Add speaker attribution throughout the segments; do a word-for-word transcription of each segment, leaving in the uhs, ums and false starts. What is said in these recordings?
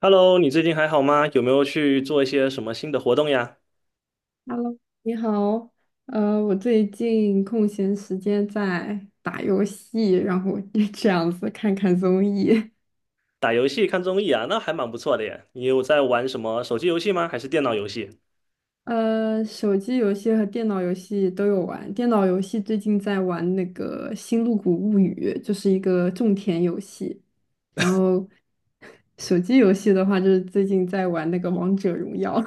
Speaker 1: Hello,你最近还好吗？有没有去做一些什么新的活动呀？
Speaker 2: Hello，你好，呃，我最近空闲时间在打游戏，然后 这样子看看综艺。
Speaker 1: 打游戏、看综艺啊，那还蛮不错的耶。你有在玩什么手机游戏吗？还是电脑游戏？
Speaker 2: 呃，手机游戏和电脑游戏都有玩。电脑游戏最近在玩那个《星露谷物语》，就是一个种田游戏。然后手机游戏的话，就是最近在玩那个《王者荣耀》。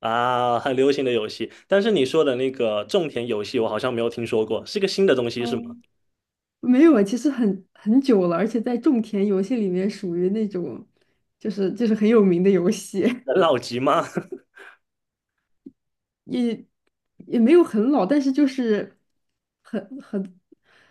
Speaker 1: 啊，很流行的游戏，但是你说的那个种田游戏，我好像没有听说过，是个新的东西是吗？
Speaker 2: 嗯，没有啊，其实很很久了，而且在种田游戏里面属于那种，就是就是很有名的游戏。
Speaker 1: 很老级吗？
Speaker 2: 也也没有很老，但是就是很很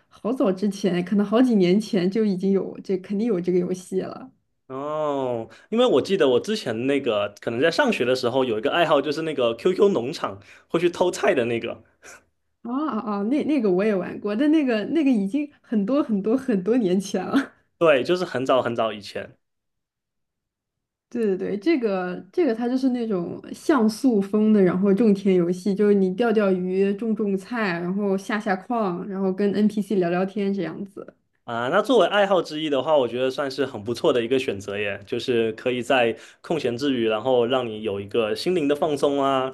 Speaker 2: 好早之前，可能好几年前就已经有这肯定有这个游戏了。
Speaker 1: 哦，因为我记得我之前那个可能在上学的时候有一个爱好，就是那个 Q Q 农场会去偷菜的那个，
Speaker 2: 啊啊啊！那那个我也玩过，但那个那个已经很多很多很多年前了。
Speaker 1: 对，就是很早很早以前。
Speaker 2: 对对对，这个这个它就是那种像素风的，然后种田游戏，就是你钓钓鱼、种种菜，然后下下矿，然后跟 N P C 聊聊天这样子。
Speaker 1: 啊，那作为爱好之一的话，我觉得算是很不错的一个选择耶，就是可以在空闲之余，然后让你有一个心灵的放松啊。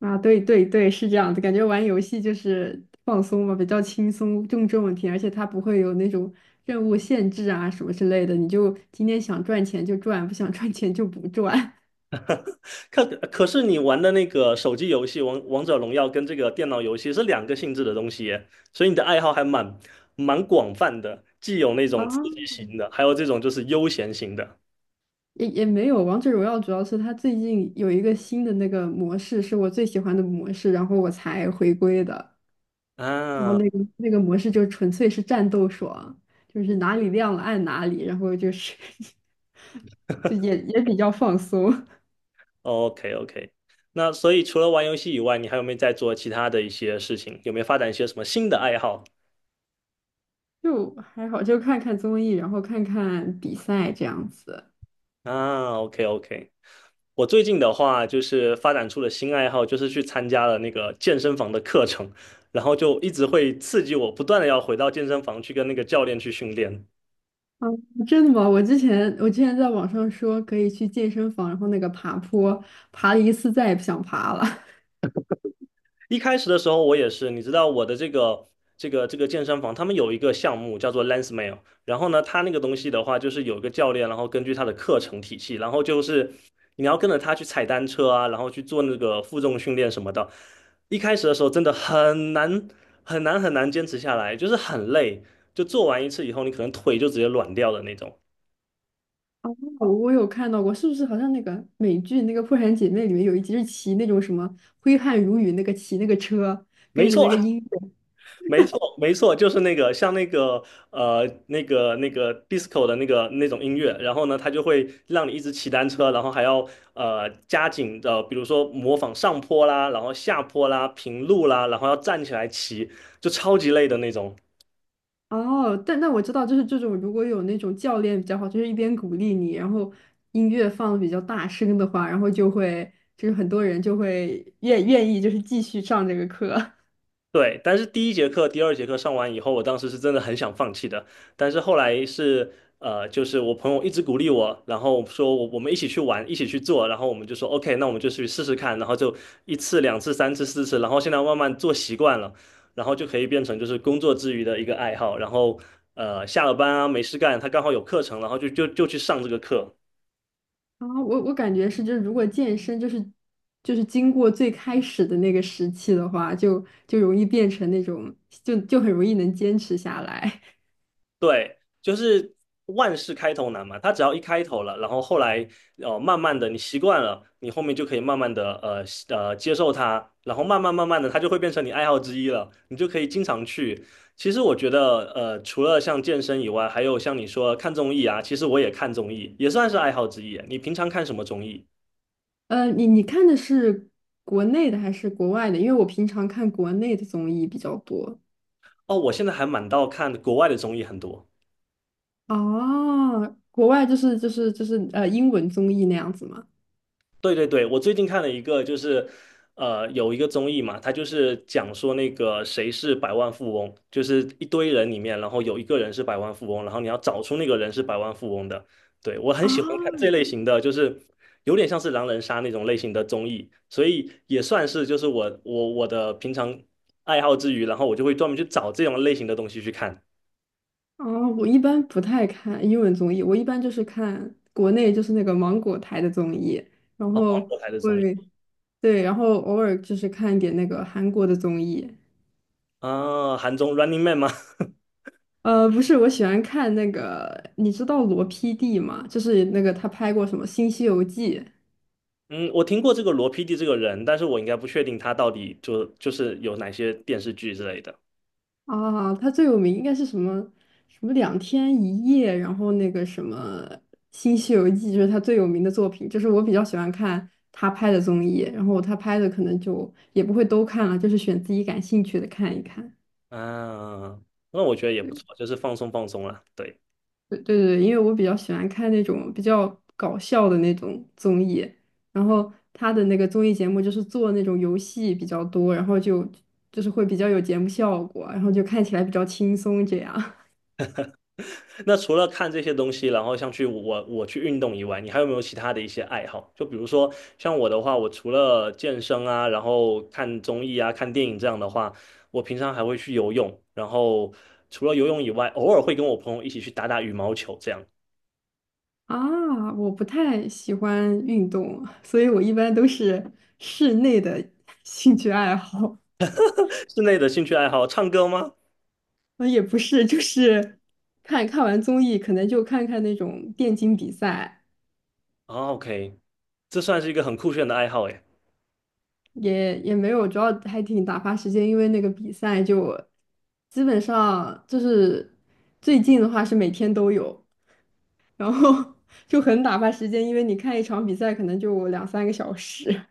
Speaker 2: 啊，对对对，是这样的，感觉玩游戏就是放松嘛，比较轻松，更重问题，而且它不会有那种任务限制啊什么之类的，你就今天想赚钱就赚，不想赚钱就不赚。
Speaker 1: 可可是你玩的那个手机游戏《王王者荣耀》跟这个电脑游戏是两个性质的东西耶，所以你的爱好还蛮蛮广泛的，既有那
Speaker 2: 啊，
Speaker 1: 种刺激型的，还有这种就是悠闲型的
Speaker 2: 也也没有。王者荣耀主要是它最近有一个新的那个模式，是我最喜欢的模式，然后我才回归的。然后
Speaker 1: 啊。
Speaker 2: 那个那个模式就纯粹是战斗爽，就是哪里亮了按哪里，然后就是 就也也比较放松。
Speaker 1: OK OK,那所以除了玩游戏以外，你还有没有在做其他的一些事情？有没有发展一些什么新的爱好
Speaker 2: 就还好，就看看综艺，然后看看比赛这样子。
Speaker 1: 啊？OK OK。我最近的话，就是发展出了新爱好，就是去参加了那个健身房的课程，然后就一直会刺激我，不断的要回到健身房去跟那个教练去训练。
Speaker 2: 啊，真的吗？我之前我之前在网上说可以去健身房，然后那个爬坡，爬了一次再也不想爬了。
Speaker 1: 一开始的时候，我也是，你知道我的这个这个这个健身房，他们有一个项目叫做 Lensmail,然后呢，他那个东西的话，就是有一个教练，然后根据他的课程体系，然后就是你要跟着他去踩单车啊，然后去做那个负重训练什么的。一开始的时候真的很难很难很难坚持下来，就是很累，就做完一次以后，你可能腿就直接软掉的那种。
Speaker 2: 我我有看到过，是不是好像那个美剧那个《破产姐妹》里面有一集是骑那种什么挥汗如雨那个骑那个车，
Speaker 1: 没
Speaker 2: 跟着那
Speaker 1: 错，
Speaker 2: 个音乐。
Speaker 1: 没错，没错，就是那个像那个呃那个那个 disco 的那个那种音乐，然后呢，它就会让你一直骑单车，然后还要呃加紧的，比如说模仿上坡啦，然后下坡啦，平路啦，然后要站起来骑，就超级累的那种。
Speaker 2: 哦，但那我知道，就是这种如果有那种教练比较好，就是一边鼓励你，然后音乐放的比较大声的话，然后就会就是很多人就会愿愿意就是继续上这个课。
Speaker 1: 对，但是第一节课、第二节课上完以后，我当时是真的很想放弃的，但是后来是呃，就是我朋友一直鼓励我，然后说我我们一起去玩，一起去做，然后我们就说 OK,那我们就去试试看，然后就一次、两次、三次、四次，然后现在慢慢做习惯了，然后就可以变成就是工作之余的一个爱好，然后呃，下了班啊没事干，他刚好有课程，然后就就就去上这个课，
Speaker 2: 啊，我我感觉是，就是如果健身就是就是经过最开始的那个时期的话，就就容易变成那种就就很容易能坚持下来。
Speaker 1: 对，就是万事开头难嘛，他只要一开头了，然后后来呃慢慢的你习惯了，你后面就可以慢慢的呃习呃接受它，然后慢慢慢慢的它就会变成你爱好之一了，你就可以经常去。其实我觉得呃除了像健身以外，还有像你说看综艺啊，其实我也看综艺，也算是爱好之一。你平常看什么综艺？
Speaker 2: 呃，你你看的是国内的还是国外的？因为我平常看国内的综艺比较多。
Speaker 1: 哦，我现在还蛮到看国外的综艺很多。
Speaker 2: 哦，国外就是就是就是呃英文综艺那样子吗？
Speaker 1: 对对对，我最近看了一个，就是呃，有一个综艺嘛，它就是讲说那个谁是百万富翁，就是一堆人里面，然后有一个人是百万富翁，然后你要找出那个人是百万富翁的。对，我很喜欢看这
Speaker 2: 啊，
Speaker 1: 类型的，就是有点像是狼人杀那种类型的综艺，所以也算是就是我我我的平常爱好之余，然后我就会专门去找这种类型的东西去看。
Speaker 2: 哦，我一般不太看英文综艺，我一般就是看国内就是那个芒果台的综艺，然
Speaker 1: 哦，芒
Speaker 2: 后
Speaker 1: 果台的
Speaker 2: 会
Speaker 1: 综艺
Speaker 2: 对，然后偶尔就是看一点那个韩国的综艺。
Speaker 1: 啊，韩综《Running Man》吗？
Speaker 2: 呃，不是，我喜欢看那个，你知道罗 P D 吗？就是那个他拍过什么《新西游记》。
Speaker 1: 嗯，我听过这个罗 P D 这个人，但是我应该不确定他到底就就是有哪些电视剧之类的。
Speaker 2: 啊，他最有名应该是什么？什么两天一夜，然后那个什么《新西游记》，就是他最有名的作品。就是我比较喜欢看他拍的综艺，然后他拍的可能就也不会都看了，就是选自己感兴趣的看一看。
Speaker 1: 啊，那我觉得也不错，
Speaker 2: 对
Speaker 1: 就是放松放松啦。对，
Speaker 2: 对对对，因为我比较喜欢看那种比较搞笑的那种综艺，然后他的那个综艺节目就是做那种游戏比较多，然后就就是会比较有节目效果，然后就看起来比较轻松这样。
Speaker 1: 那除了看这些东西，然后像去我我去运动以外，你还有没有其他的一些爱好？就比如说像我的话，我除了健身啊，然后看综艺啊、看电影这样的话，我平常还会去游泳，然后除了游泳以外，偶尔会跟我朋友一起去打打羽毛球，这样。
Speaker 2: 啊，我不太喜欢运动，所以我一般都是室内的 兴趣爱好。
Speaker 1: 室内的兴趣爱好，唱歌吗？
Speaker 2: 呃，也不是，就是 看看完综艺，可能就看看那种电竞比赛，
Speaker 1: 啊，OK,这算是一个很酷炫的爱好诶。
Speaker 2: 也也没有，主要还挺打发时间，因为那个比赛就基本上就是最近的话是每天都有，然后 就很打发时间，因为你看一场比赛可能就两三个小时。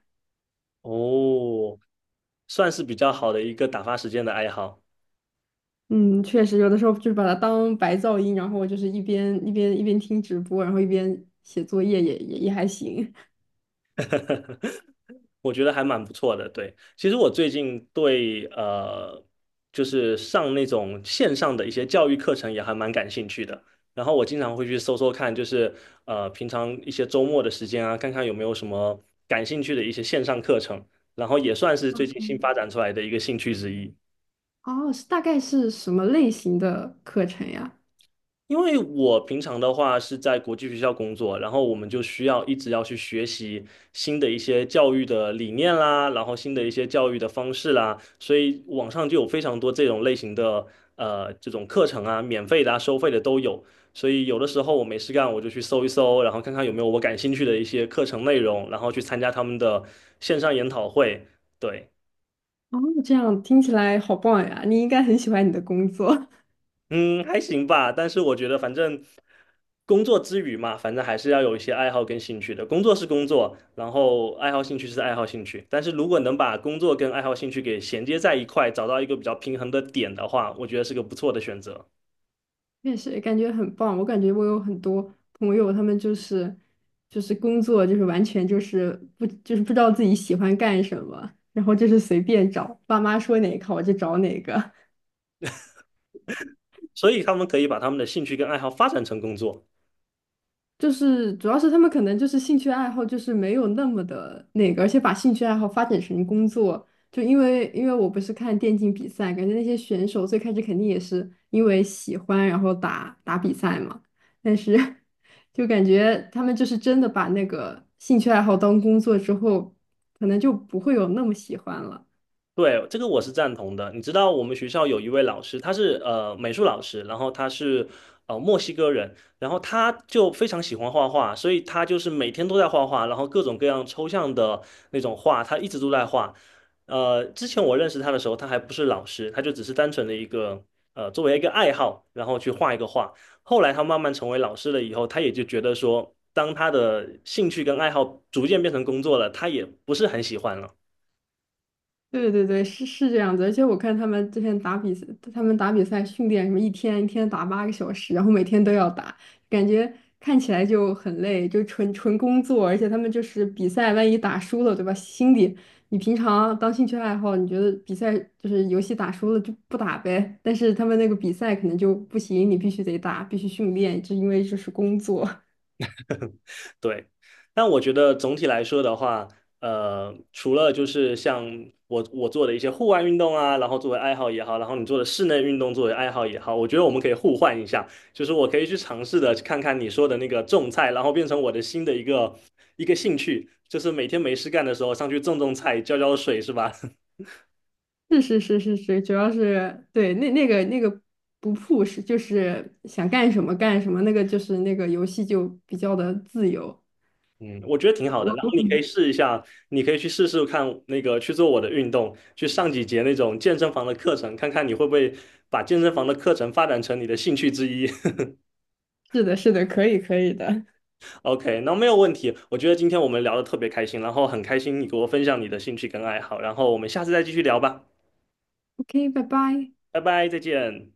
Speaker 1: 哦，算是比较好的一个打发时间的爱好，
Speaker 2: 嗯，确实，有的时候就是把它当白噪音，然后就是一边一边一边听直播，然后一边写作业也也也还行。
Speaker 1: 我觉得还蛮不错的。对，其实我最近对呃，就是上那种线上的一些教育课程也还蛮感兴趣的。然后我经常会去搜搜看，就是呃，平常一些周末的时间啊，看看有没有什么感兴趣的一些线上课程。然后也算是最近新发
Speaker 2: 嗯
Speaker 1: 展出来的一个兴趣之一。
Speaker 2: 哦，是大概是什么类型的课程呀？
Speaker 1: 因为我平常的话是在国际学校工作，然后我们就需要一直要去学习新的一些教育的理念啦，然后新的一些教育的方式啦，所以网上就有非常多这种类型的呃这种课程啊，免费的啊，收费的都有。所以有的时候我没事干，我就去搜一搜，然后看看有没有我感兴趣的一些课程内容，然后去参加他们的线上研讨会。对。
Speaker 2: 哦，这样听起来好棒呀！你应该很喜欢你的工作，
Speaker 1: 嗯，还行吧，但是我觉得反正工作之余嘛，反正还是要有一些爱好跟兴趣的。工作是工作，然后爱好兴趣是爱好兴趣。但是如果能把工作跟爱好兴趣给衔接在一块，找到一个比较平衡的点的话，我觉得是个不错的选择。
Speaker 2: 确实感觉很棒。我感觉我有很多朋友，他们就是就是工作就是完全就是不就是不知道自己喜欢干什么，然后就是随便找，爸妈说哪个我就找哪个。
Speaker 1: 所以他们可以把他们的兴趣跟爱好发展成工作。
Speaker 2: 就是主要是他们可能就是兴趣爱好就是没有那么的那个，而且把兴趣爱好发展成工作，就因为因为我不是看电竞比赛，感觉那些选手最开始肯定也是因为喜欢然后打打比赛嘛，但是 就感觉他们就是真的把那个兴趣爱好当工作之后，可能就不会有那么喜欢了。
Speaker 1: 对，这个我是赞同的。你知道我们学校有一位老师，他是呃美术老师，然后他是呃墨西哥人，然后他就非常喜欢画画，所以他就是每天都在画画，然后各种各样抽象的那种画，他一直都在画。呃，之前我认识他的时候，他还不是老师，他就只是单纯的一个呃作为一个爱好，然后去画一个画。后来他慢慢成为老师了以后，他也就觉得说，当他的兴趣跟爱好逐渐变成工作了，他也不是很喜欢了。
Speaker 2: 对对对，是是这样子，而且我看他们之前打比赛，他们打比赛训练什么一天一天打八个小时，然后每天都要打，感觉看起来就很累，就纯纯工作，而且他们就是比赛，万一打输了，对吧？心里你平常当兴趣爱好，你觉得比赛就是游戏打输了就不打呗，但是他们那个比赛可能就不行，你必须得打，必须训练，就因为这是工作。
Speaker 1: 对，但我觉得总体来说的话，呃，除了就是像我我做的一些户外运动啊，然后作为爱好也好，然后你做的室内运动作为爱好也好，我觉得我们可以互换一下，就是我可以去尝试的看看你说的那个种菜，然后变成我的新的一个一个兴趣，就是每天没事干的时候上去种种菜，浇浇水，是吧？
Speaker 2: 是是是是是，主要是对那那个那个不 push,就是想干什么干什么，那个就是那个游戏就比较的自由。
Speaker 1: 嗯，我觉得挺好的。然后
Speaker 2: 我
Speaker 1: 你可以试一下，你可以去试试看那个去做我的运动，去上几节那种健身房的课程，看看你会不会把健身房的课程发展成你的兴趣之一。
Speaker 2: 是的，是的，可以可以的。
Speaker 1: OK,那没有问题。我觉得今天我们聊的特别开心，然后很开心你给我分享你的兴趣跟爱好，然后我们下次再继续聊吧，
Speaker 2: OK,拜拜。
Speaker 1: 拜拜，再见。